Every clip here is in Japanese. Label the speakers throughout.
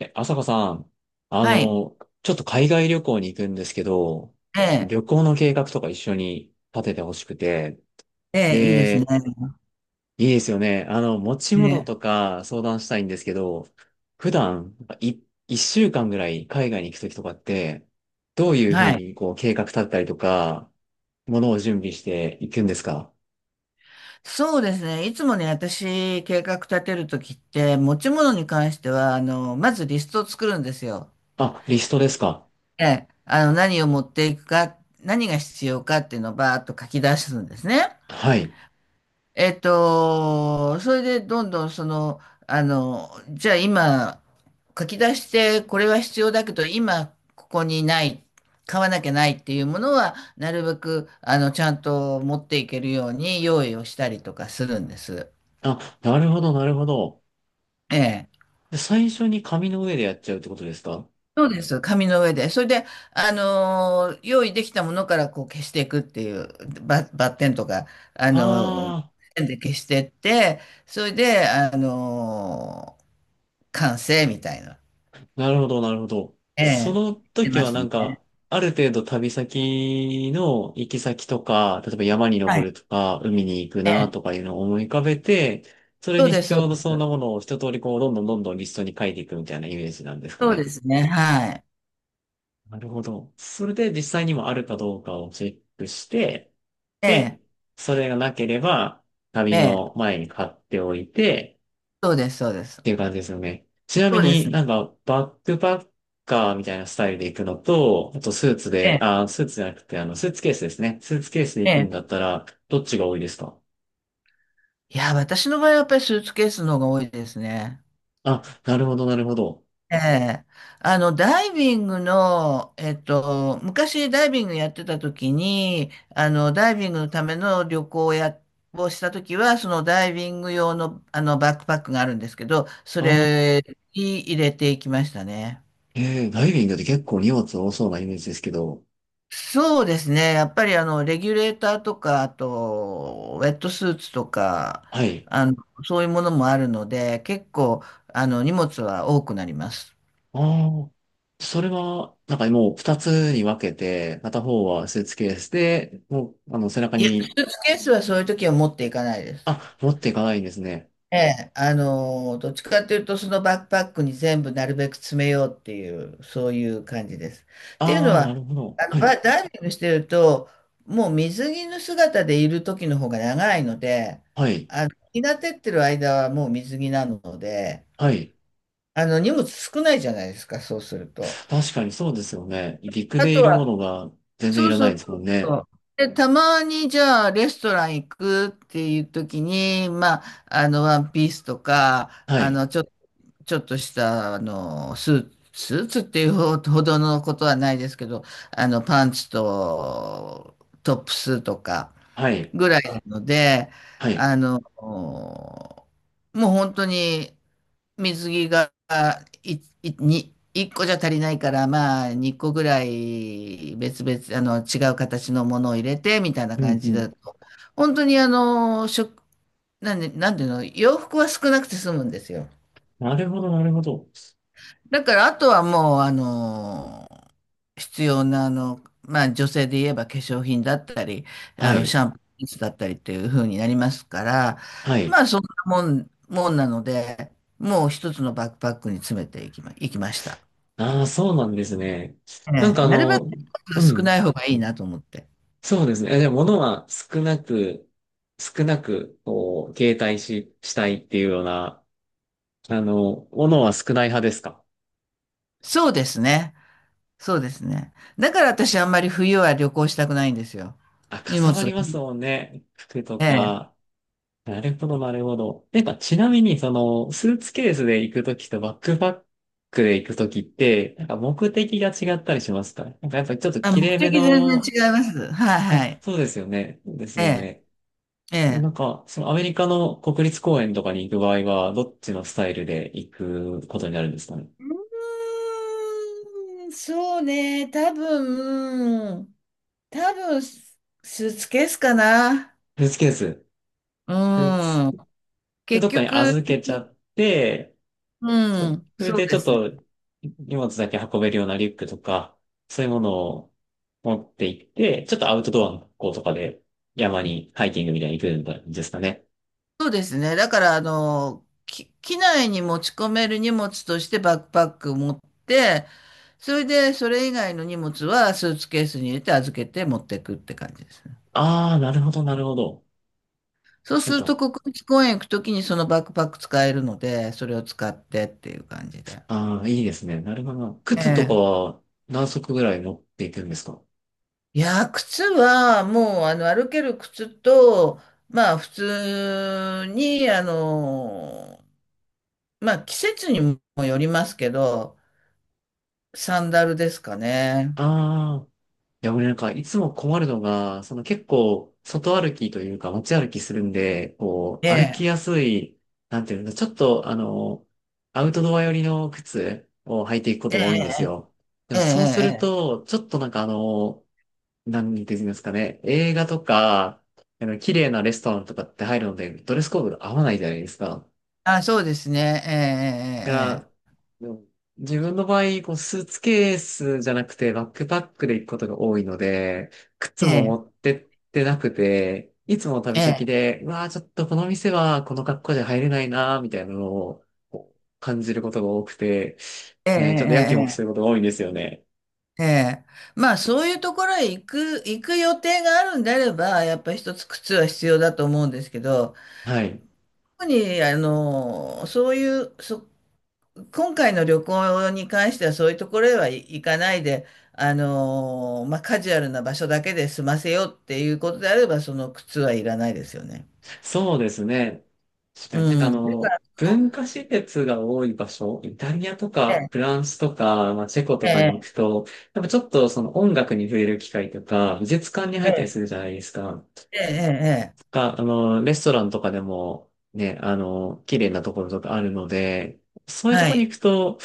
Speaker 1: 朝子さん、あ
Speaker 2: はい。
Speaker 1: の、ちょっと海外旅行に行くんですけど、
Speaker 2: ええ、
Speaker 1: 旅行の計画とか一緒に立ててほしくて、
Speaker 2: ええ、いいですね。
Speaker 1: で、いいですよね。持ち
Speaker 2: え
Speaker 1: 物
Speaker 2: え、
Speaker 1: とか相談したいんですけど、普段、一週間ぐらい海外に行くときとかって、どういうふ
Speaker 2: は
Speaker 1: う
Speaker 2: い。
Speaker 1: にこう計画立てたりとか、ものを準備していくんですか？
Speaker 2: そうですね。いつもね、私、計画立てるときって、持ち物に関しては、まずリストを作るんですよ。
Speaker 1: あ、リストですか？
Speaker 2: ええ、何を持っていくか、何が必要かっていうのをバーッと書き出すんですね。
Speaker 1: はい。
Speaker 2: それでどんどんじゃあ今、書き出してこれは必要だけど、今ここにない、買わなきゃないっていうものは、なるべく、ちゃんと持っていけるように用意をしたりとかするんです。
Speaker 1: あ、なるほど、なるほど。
Speaker 2: ええ。
Speaker 1: で最初に紙の上でやっちゃうってことですか？
Speaker 2: そうです。紙の上で。それで、用意できたものからこう消していくっていう、バッテンとか、あの、
Speaker 1: ああー。
Speaker 2: ペンで消してって、それで、完成みたいな。
Speaker 1: なるほど、なるほど。
Speaker 2: ええ、
Speaker 1: その
Speaker 2: して
Speaker 1: 時
Speaker 2: ま
Speaker 1: は
Speaker 2: す
Speaker 1: なん
Speaker 2: ね。
Speaker 1: か、ある程度旅先の行き先とか、例えば山に
Speaker 2: は
Speaker 1: 登
Speaker 2: い。
Speaker 1: るとか、海に行く
Speaker 2: え
Speaker 1: な
Speaker 2: え、
Speaker 1: とかいうのを思い浮かべて、それ
Speaker 2: そう
Speaker 1: に
Speaker 2: です、
Speaker 1: 必
Speaker 2: そ
Speaker 1: 要
Speaker 2: う
Speaker 1: な
Speaker 2: で
Speaker 1: そう
Speaker 2: す。
Speaker 1: なものを一通りこう、どんどんどんどんリストに書いていくみたいなイメージなんですか
Speaker 2: そうで
Speaker 1: ね。
Speaker 2: すね。はい。
Speaker 1: なるほど。それで実際にもあるかどうかをチェックして、
Speaker 2: ええ、
Speaker 1: で、それがなければ、
Speaker 2: え
Speaker 1: 旅
Speaker 2: え、
Speaker 1: の前に買っておいて、
Speaker 2: そうです、そうで
Speaker 1: っ
Speaker 2: す。
Speaker 1: ていう感じですよね。ちなみ
Speaker 2: そうです
Speaker 1: に
Speaker 2: ね。
Speaker 1: なんかバックパッカーみたいなスタイルで行くのと、あとスーツ
Speaker 2: え
Speaker 1: で、
Speaker 2: え、
Speaker 1: あ、スーツじゃなくてあのスーツケースですね。スーツケースで
Speaker 2: え
Speaker 1: 行くんだっ
Speaker 2: え。
Speaker 1: たらどっちが多いですか？
Speaker 2: いや、私の場合はやっぱりスーツケースの方が多いですね。
Speaker 1: あ、なるほど、なるほど。
Speaker 2: ええ。ダイビングの、昔ダイビングやってた時に、ダイビングのための旅行をした時は、そのダイビング用の、バックパックがあるんですけど、そ
Speaker 1: あー、
Speaker 2: れに入れていきましたね。
Speaker 1: ダイビングって結構荷物多そうなイメージですけど、
Speaker 2: そうですね。やっぱりあの、レギュレーターとか、あと、ウェットスーツとか、
Speaker 1: はい。
Speaker 2: あの、そういうものもあるので、結構、荷物は多くなります。
Speaker 1: ああ、それは、なんかもう二つに分けて、片方はスーツケースで、もう、背中
Speaker 2: いや、
Speaker 1: に、
Speaker 2: スーツケースはそういう時は持っていかないです。
Speaker 1: あ、持っていかないんですね。
Speaker 2: ええ、どっちかというと、そのバックパックに全部なるべく詰めようっていう、そういう感じです。っていうの
Speaker 1: ああ、なる
Speaker 2: は、
Speaker 1: ほど。はい、
Speaker 2: ダイビングしてると、もう水着の姿でいる時の方が長いので、
Speaker 1: はい、
Speaker 2: 日が照ってる間はもう水着なので、
Speaker 1: はい。
Speaker 2: 荷物少ないじゃないですか、そうすると。
Speaker 1: 確かにそうですよね。陸
Speaker 2: あ
Speaker 1: でい
Speaker 2: と
Speaker 1: るも
Speaker 2: は、
Speaker 1: のが全然い
Speaker 2: そう
Speaker 1: らな
Speaker 2: そ
Speaker 1: い
Speaker 2: う
Speaker 1: です
Speaker 2: そ
Speaker 1: もん
Speaker 2: うそ
Speaker 1: ね。
Speaker 2: う。で、たまにじゃあレストラン行くっていう時に、まあ、ワンピースとか、
Speaker 1: はい。
Speaker 2: ちょっとした、あの、スーツっていうほどのことはないですけど、パンツとトップスとか
Speaker 1: はい。
Speaker 2: ぐらいなので、
Speaker 1: はい。
Speaker 2: もう本当に水着がい、い、に、1個じゃ足りないから、まあ、2個ぐらい別々、違う形のものを入れて、みたいな
Speaker 1: うん
Speaker 2: 感
Speaker 1: う
Speaker 2: じ
Speaker 1: ん。
Speaker 2: だと、本当にあの、食、なんで、なんていうの、洋服は少なくて済むんですよ。
Speaker 1: なるほど、なるほど。
Speaker 2: だからあとはもう、あのー必要な、まあ女性で言えば化粧品だったり、
Speaker 1: は
Speaker 2: シ
Speaker 1: い。
Speaker 2: ャンプーだったりっていう風になりますから、
Speaker 1: は
Speaker 2: ま
Speaker 1: い。
Speaker 2: あそんなもん、もんなので、もう一つのバックパックに詰めていきま、いきました。
Speaker 1: ああ、そうなんですね。なん
Speaker 2: ええ、
Speaker 1: か
Speaker 2: なるべく
Speaker 1: う
Speaker 2: 少
Speaker 1: ん。
Speaker 2: ない方がいいなと思って。
Speaker 1: そうですね。え、でも物は少なく、こう、携帯し、したいっていうような、物は少ない派ですか？
Speaker 2: そうですね。そうですね。だから私あんまり冬は旅行したくないんですよ。
Speaker 1: あ、か
Speaker 2: 荷
Speaker 1: さば
Speaker 2: 物
Speaker 1: り
Speaker 2: が。
Speaker 1: ますもんね。服と
Speaker 2: ええ。
Speaker 1: か。なるほど、なるほど。やっぱちなみに、その、スーツケースで行くときとバックパックで行くときって、なんか目的が違ったりしますか？なんかやっぱりちょっと
Speaker 2: あ、
Speaker 1: 綺
Speaker 2: 目
Speaker 1: 麗め
Speaker 2: 的全然
Speaker 1: の、
Speaker 2: 違います。はいは
Speaker 1: あ、
Speaker 2: い。
Speaker 1: そうですよね。です
Speaker 2: え
Speaker 1: よ
Speaker 2: え。
Speaker 1: ね。
Speaker 2: え
Speaker 1: な
Speaker 2: え。
Speaker 1: んか、そのアメリカの国立公園とかに行く場合は、どっちのスタイルで行くことになるんですかね。
Speaker 2: うーん、そうね、多分、スーツケースかな。
Speaker 1: スーツケース。
Speaker 2: う
Speaker 1: スーツ
Speaker 2: ん。
Speaker 1: で
Speaker 2: 結
Speaker 1: どっかに
Speaker 2: 局、
Speaker 1: 預けちゃって、そ
Speaker 2: うん、
Speaker 1: れ
Speaker 2: そう
Speaker 1: でち
Speaker 2: で
Speaker 1: ょっ
Speaker 2: すね。
Speaker 1: と荷物だけ運べるようなリュックとか、そういうものを持って行って、ちょっとアウトドアの学校とかで山にハイキングみたいに行くんですかね。
Speaker 2: そうですね。だから、機内に持ち込める荷物としてバックパック持って、それで、それ以外の荷物はスーツケースに入れて預けて持っていくって感じですね。
Speaker 1: ああ、なるほど、なるほど。
Speaker 2: そう
Speaker 1: な
Speaker 2: す
Speaker 1: ん
Speaker 2: ると、
Speaker 1: か、
Speaker 2: 国立公園行くときにそのバックパック使えるので、それを使ってっていう感じで。
Speaker 1: ああ、いいですね。なるほど。靴とか
Speaker 2: ええ、
Speaker 1: は何足ぐらい持っていくんですか？
Speaker 2: いやー、靴はもうあの歩ける靴と、まあ普通に、あのー、まあ季節にもよりますけど、サンダルですかね。
Speaker 1: ああーいや、俺なんか、いつも困るのが、その結構、外歩きというか、街歩きするんで、こ
Speaker 2: え
Speaker 1: う、歩きや
Speaker 2: え、
Speaker 1: すい、なんていうんだ、ちょっと、アウトドア寄りの靴を履いていくこ
Speaker 2: え
Speaker 1: とが多いんです
Speaker 2: え、
Speaker 1: よ。で
Speaker 2: え
Speaker 1: も、
Speaker 2: え、
Speaker 1: そうする
Speaker 2: ええ。
Speaker 1: と、ちょっとなんかなんて言うんですかね、映画とか、綺麗なレストランとかって入るので、ドレスコードが合わないじゃないですか。
Speaker 2: あ、そうですね。
Speaker 1: が、うん、自分の場合、こうスーツケースじゃなくてバックパックで行くことが多いので、靴
Speaker 2: ええ、
Speaker 1: も
Speaker 2: ええ、
Speaker 1: 持ってってなくて、いつも旅
Speaker 2: え
Speaker 1: 先
Speaker 2: え、
Speaker 1: で、うわあ、ちょっとこの店はこの格好じゃ入れないなーみたいなのをこう感じることが多くて、
Speaker 2: ええ、え
Speaker 1: ね、ちょっとやき
Speaker 2: え、
Speaker 1: もき
Speaker 2: え
Speaker 1: する
Speaker 2: え。
Speaker 1: ことが多いんですよね。
Speaker 2: ええ、ええ、まあそういうところへ行く予定があるんであれば、やっぱり一つ靴は必要だと思うんですけど、
Speaker 1: はい。
Speaker 2: 特に、あの、そういう、そ今回の旅行に関してはそういうところへは行かないで、あのーまあ、カジュアルな場所だけで済ませようっていうことであれば、その靴はいらないですよね。
Speaker 1: そうですね。確かになんか
Speaker 2: うん。だから、
Speaker 1: 文化施設が多い場所、イタリアとかフ
Speaker 2: え
Speaker 1: ランスとか、まあ、チェコ
Speaker 2: え、
Speaker 1: と
Speaker 2: え
Speaker 1: かに行
Speaker 2: え、
Speaker 1: くと、やっぱちょっとその音楽に触れる機会とか、美術館に
Speaker 2: え
Speaker 1: 入ったり
Speaker 2: え、
Speaker 1: するじゃないですか。
Speaker 2: ええ、ええ、
Speaker 1: レストランとかでもね、綺麗なところとかあるので、そういうと
Speaker 2: は
Speaker 1: ころに
Speaker 2: い。
Speaker 1: 行くと、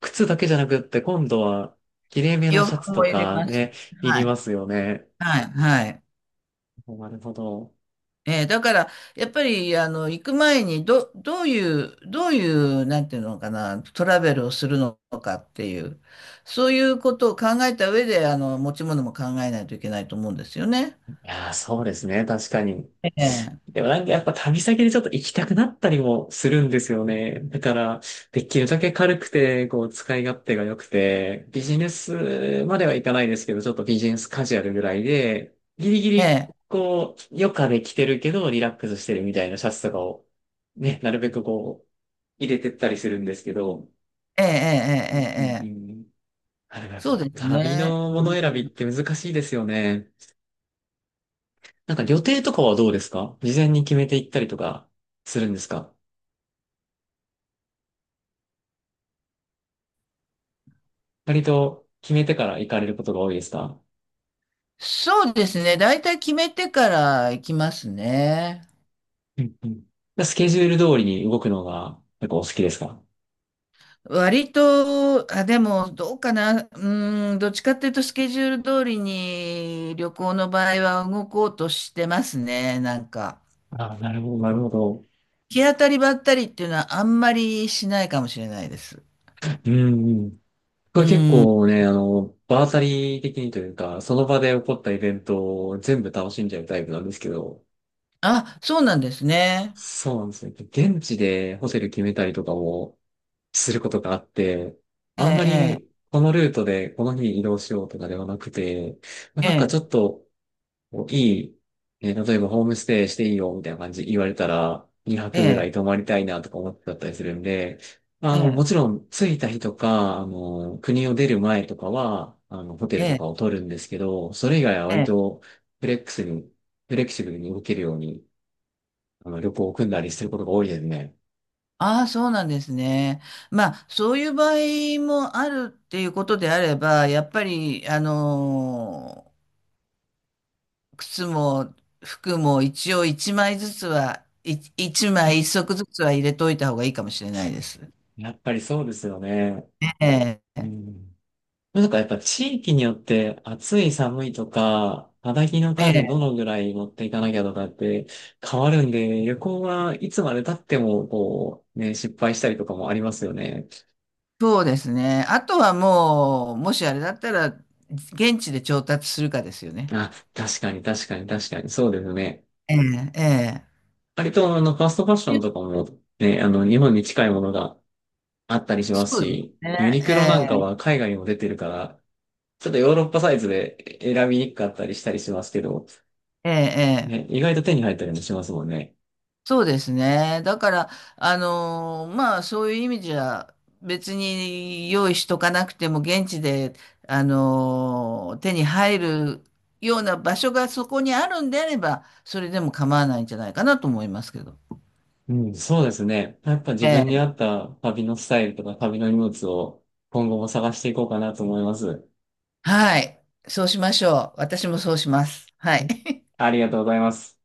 Speaker 1: 靴だけじゃなくって今度は、綺麗めの
Speaker 2: 洋
Speaker 1: シャ
Speaker 2: 服
Speaker 1: ツ
Speaker 2: も
Speaker 1: と
Speaker 2: 入れ
Speaker 1: か
Speaker 2: ます。
Speaker 1: ね、い
Speaker 2: は
Speaker 1: りま
Speaker 2: い、
Speaker 1: すよね。
Speaker 2: はい、はい。
Speaker 1: なるほど。
Speaker 2: えーだから、やっぱり、行く前に、どういう、なんていうのかな、トラベルをするのかっていう、そういうことを考えた上で、持ち物も考えないといけないと思うんですよね。
Speaker 1: いやー、そうですね。確かに。
Speaker 2: ええ、
Speaker 1: でもなんかやっぱ旅先でちょっと行きたくなったりもするんですよね。だから、できるだけ軽くて、こう、使い勝手が良くて、ビジネスまではいかないですけど、ちょっとビジネスカジュアルぐらいで、ギリギ
Speaker 2: え
Speaker 1: リ、
Speaker 2: え、
Speaker 1: こう、余暇で着てるけど、リラックスしてるみたいなシャツとかを、ね、なるべくこう、入れてったりするんですけど、
Speaker 2: ええ、え
Speaker 1: う
Speaker 2: え、え
Speaker 1: んう
Speaker 2: え、ええ、
Speaker 1: んうん。あれやっ
Speaker 2: そう
Speaker 1: ぱ、
Speaker 2: です
Speaker 1: 旅
Speaker 2: ね。
Speaker 1: のも
Speaker 2: う
Speaker 1: の
Speaker 2: ん、
Speaker 1: 選びって難しいですよね。なんか予定とかはどうですか？事前に決めていったりとかするんですか？割と決めてから行かれることが多いですか？
Speaker 2: そうですね。大体決めてから行きますね。
Speaker 1: うんうん。でスケジュール通りに動くのが結構お好きですか？
Speaker 2: 割と、あ、でも、どうかな。うん、どっちかっていうと、スケジュール通りに旅行の場合は動こうとしてますね、なんか。
Speaker 1: ああ、なるほど、なるほど。
Speaker 2: 行き当たりばったりっていうのはあんまりしないかもしれないです。
Speaker 1: うんうん。こ
Speaker 2: う
Speaker 1: れ結
Speaker 2: ん。
Speaker 1: 構ね、場当たり的にというか、その場で起こったイベントを全部楽しんじゃうタイプなんですけど、
Speaker 2: あ、そうなんですね。
Speaker 1: そうなんですね。現地でホテル決めたりとかも、することがあって、
Speaker 2: え
Speaker 1: あんま
Speaker 2: え、
Speaker 1: りこのルートでこの日に移動しようとかではなくて、まあ
Speaker 2: え
Speaker 1: なんか
Speaker 2: え、
Speaker 1: ちょっといい、えー例えばホームステイしていいよみたいな感じ言われたら2
Speaker 2: え
Speaker 1: 泊ぐら
Speaker 2: え、
Speaker 1: い泊まりたいなとか思ってたりするんで、
Speaker 2: ええ、
Speaker 1: もちろん着いた日とか、国を出る前とかは、ホテ
Speaker 2: え
Speaker 1: ルと
Speaker 2: え、
Speaker 1: かを取るんですけど、それ以外は
Speaker 2: え
Speaker 1: 割
Speaker 2: え。
Speaker 1: とフレックスに、フレキシブルに動けるように、旅行を組んだりすることが多いですね。
Speaker 2: ああ、そうなんですね。まあ、そういう場合もあるっていうことであれば、やっぱり、あのー靴も服も一応一枚一足ずつは入れといた方がいいかもしれないです。
Speaker 1: やっぱりそうですよね。
Speaker 2: ええ、
Speaker 1: うん。なんかやっぱ地域によって暑い寒いとか、肌着の
Speaker 2: え
Speaker 1: 数ど
Speaker 2: え、
Speaker 1: のぐらい持っていかなきゃとかって変わるんで、旅行はいつまで経ってもこう、ね、失敗したりとかもありますよね。
Speaker 2: そうですね。あとはもう、もしあれだったら、現地で調達するかですよね。
Speaker 1: あ、確かに確かに確かに、そうですね。
Speaker 2: ええ、え
Speaker 1: 割とファストファッション
Speaker 2: え。
Speaker 1: とかもね、日本に近いものがあったりしま
Speaker 2: そ
Speaker 1: す
Speaker 2: うです
Speaker 1: し、
Speaker 2: ね。
Speaker 1: ユニクロなんか
Speaker 2: え
Speaker 1: は海外にも出てるから、ちょっとヨーロッパサイズで選びにくかったりしたりしますけど、
Speaker 2: え、ええ、
Speaker 1: ね、
Speaker 2: え、
Speaker 1: 意外と手に入ったりもしますもんね。
Speaker 2: そうですね。だから、あのーまあ、そういう意味じゃ、別に用意しとかなくても、現地で、あのー手に入るような場所がそこにあるんであれば、それでも構わないんじゃないかなと思いますけど。
Speaker 1: うん、そうですね。やっぱ自
Speaker 2: え
Speaker 1: 分に合
Speaker 2: え、
Speaker 1: った旅のスタイルとか旅の荷物を今後も探していこうかなと思います。
Speaker 2: はい。そうしましょう。私もそうします。はい。
Speaker 1: ありがとうございます。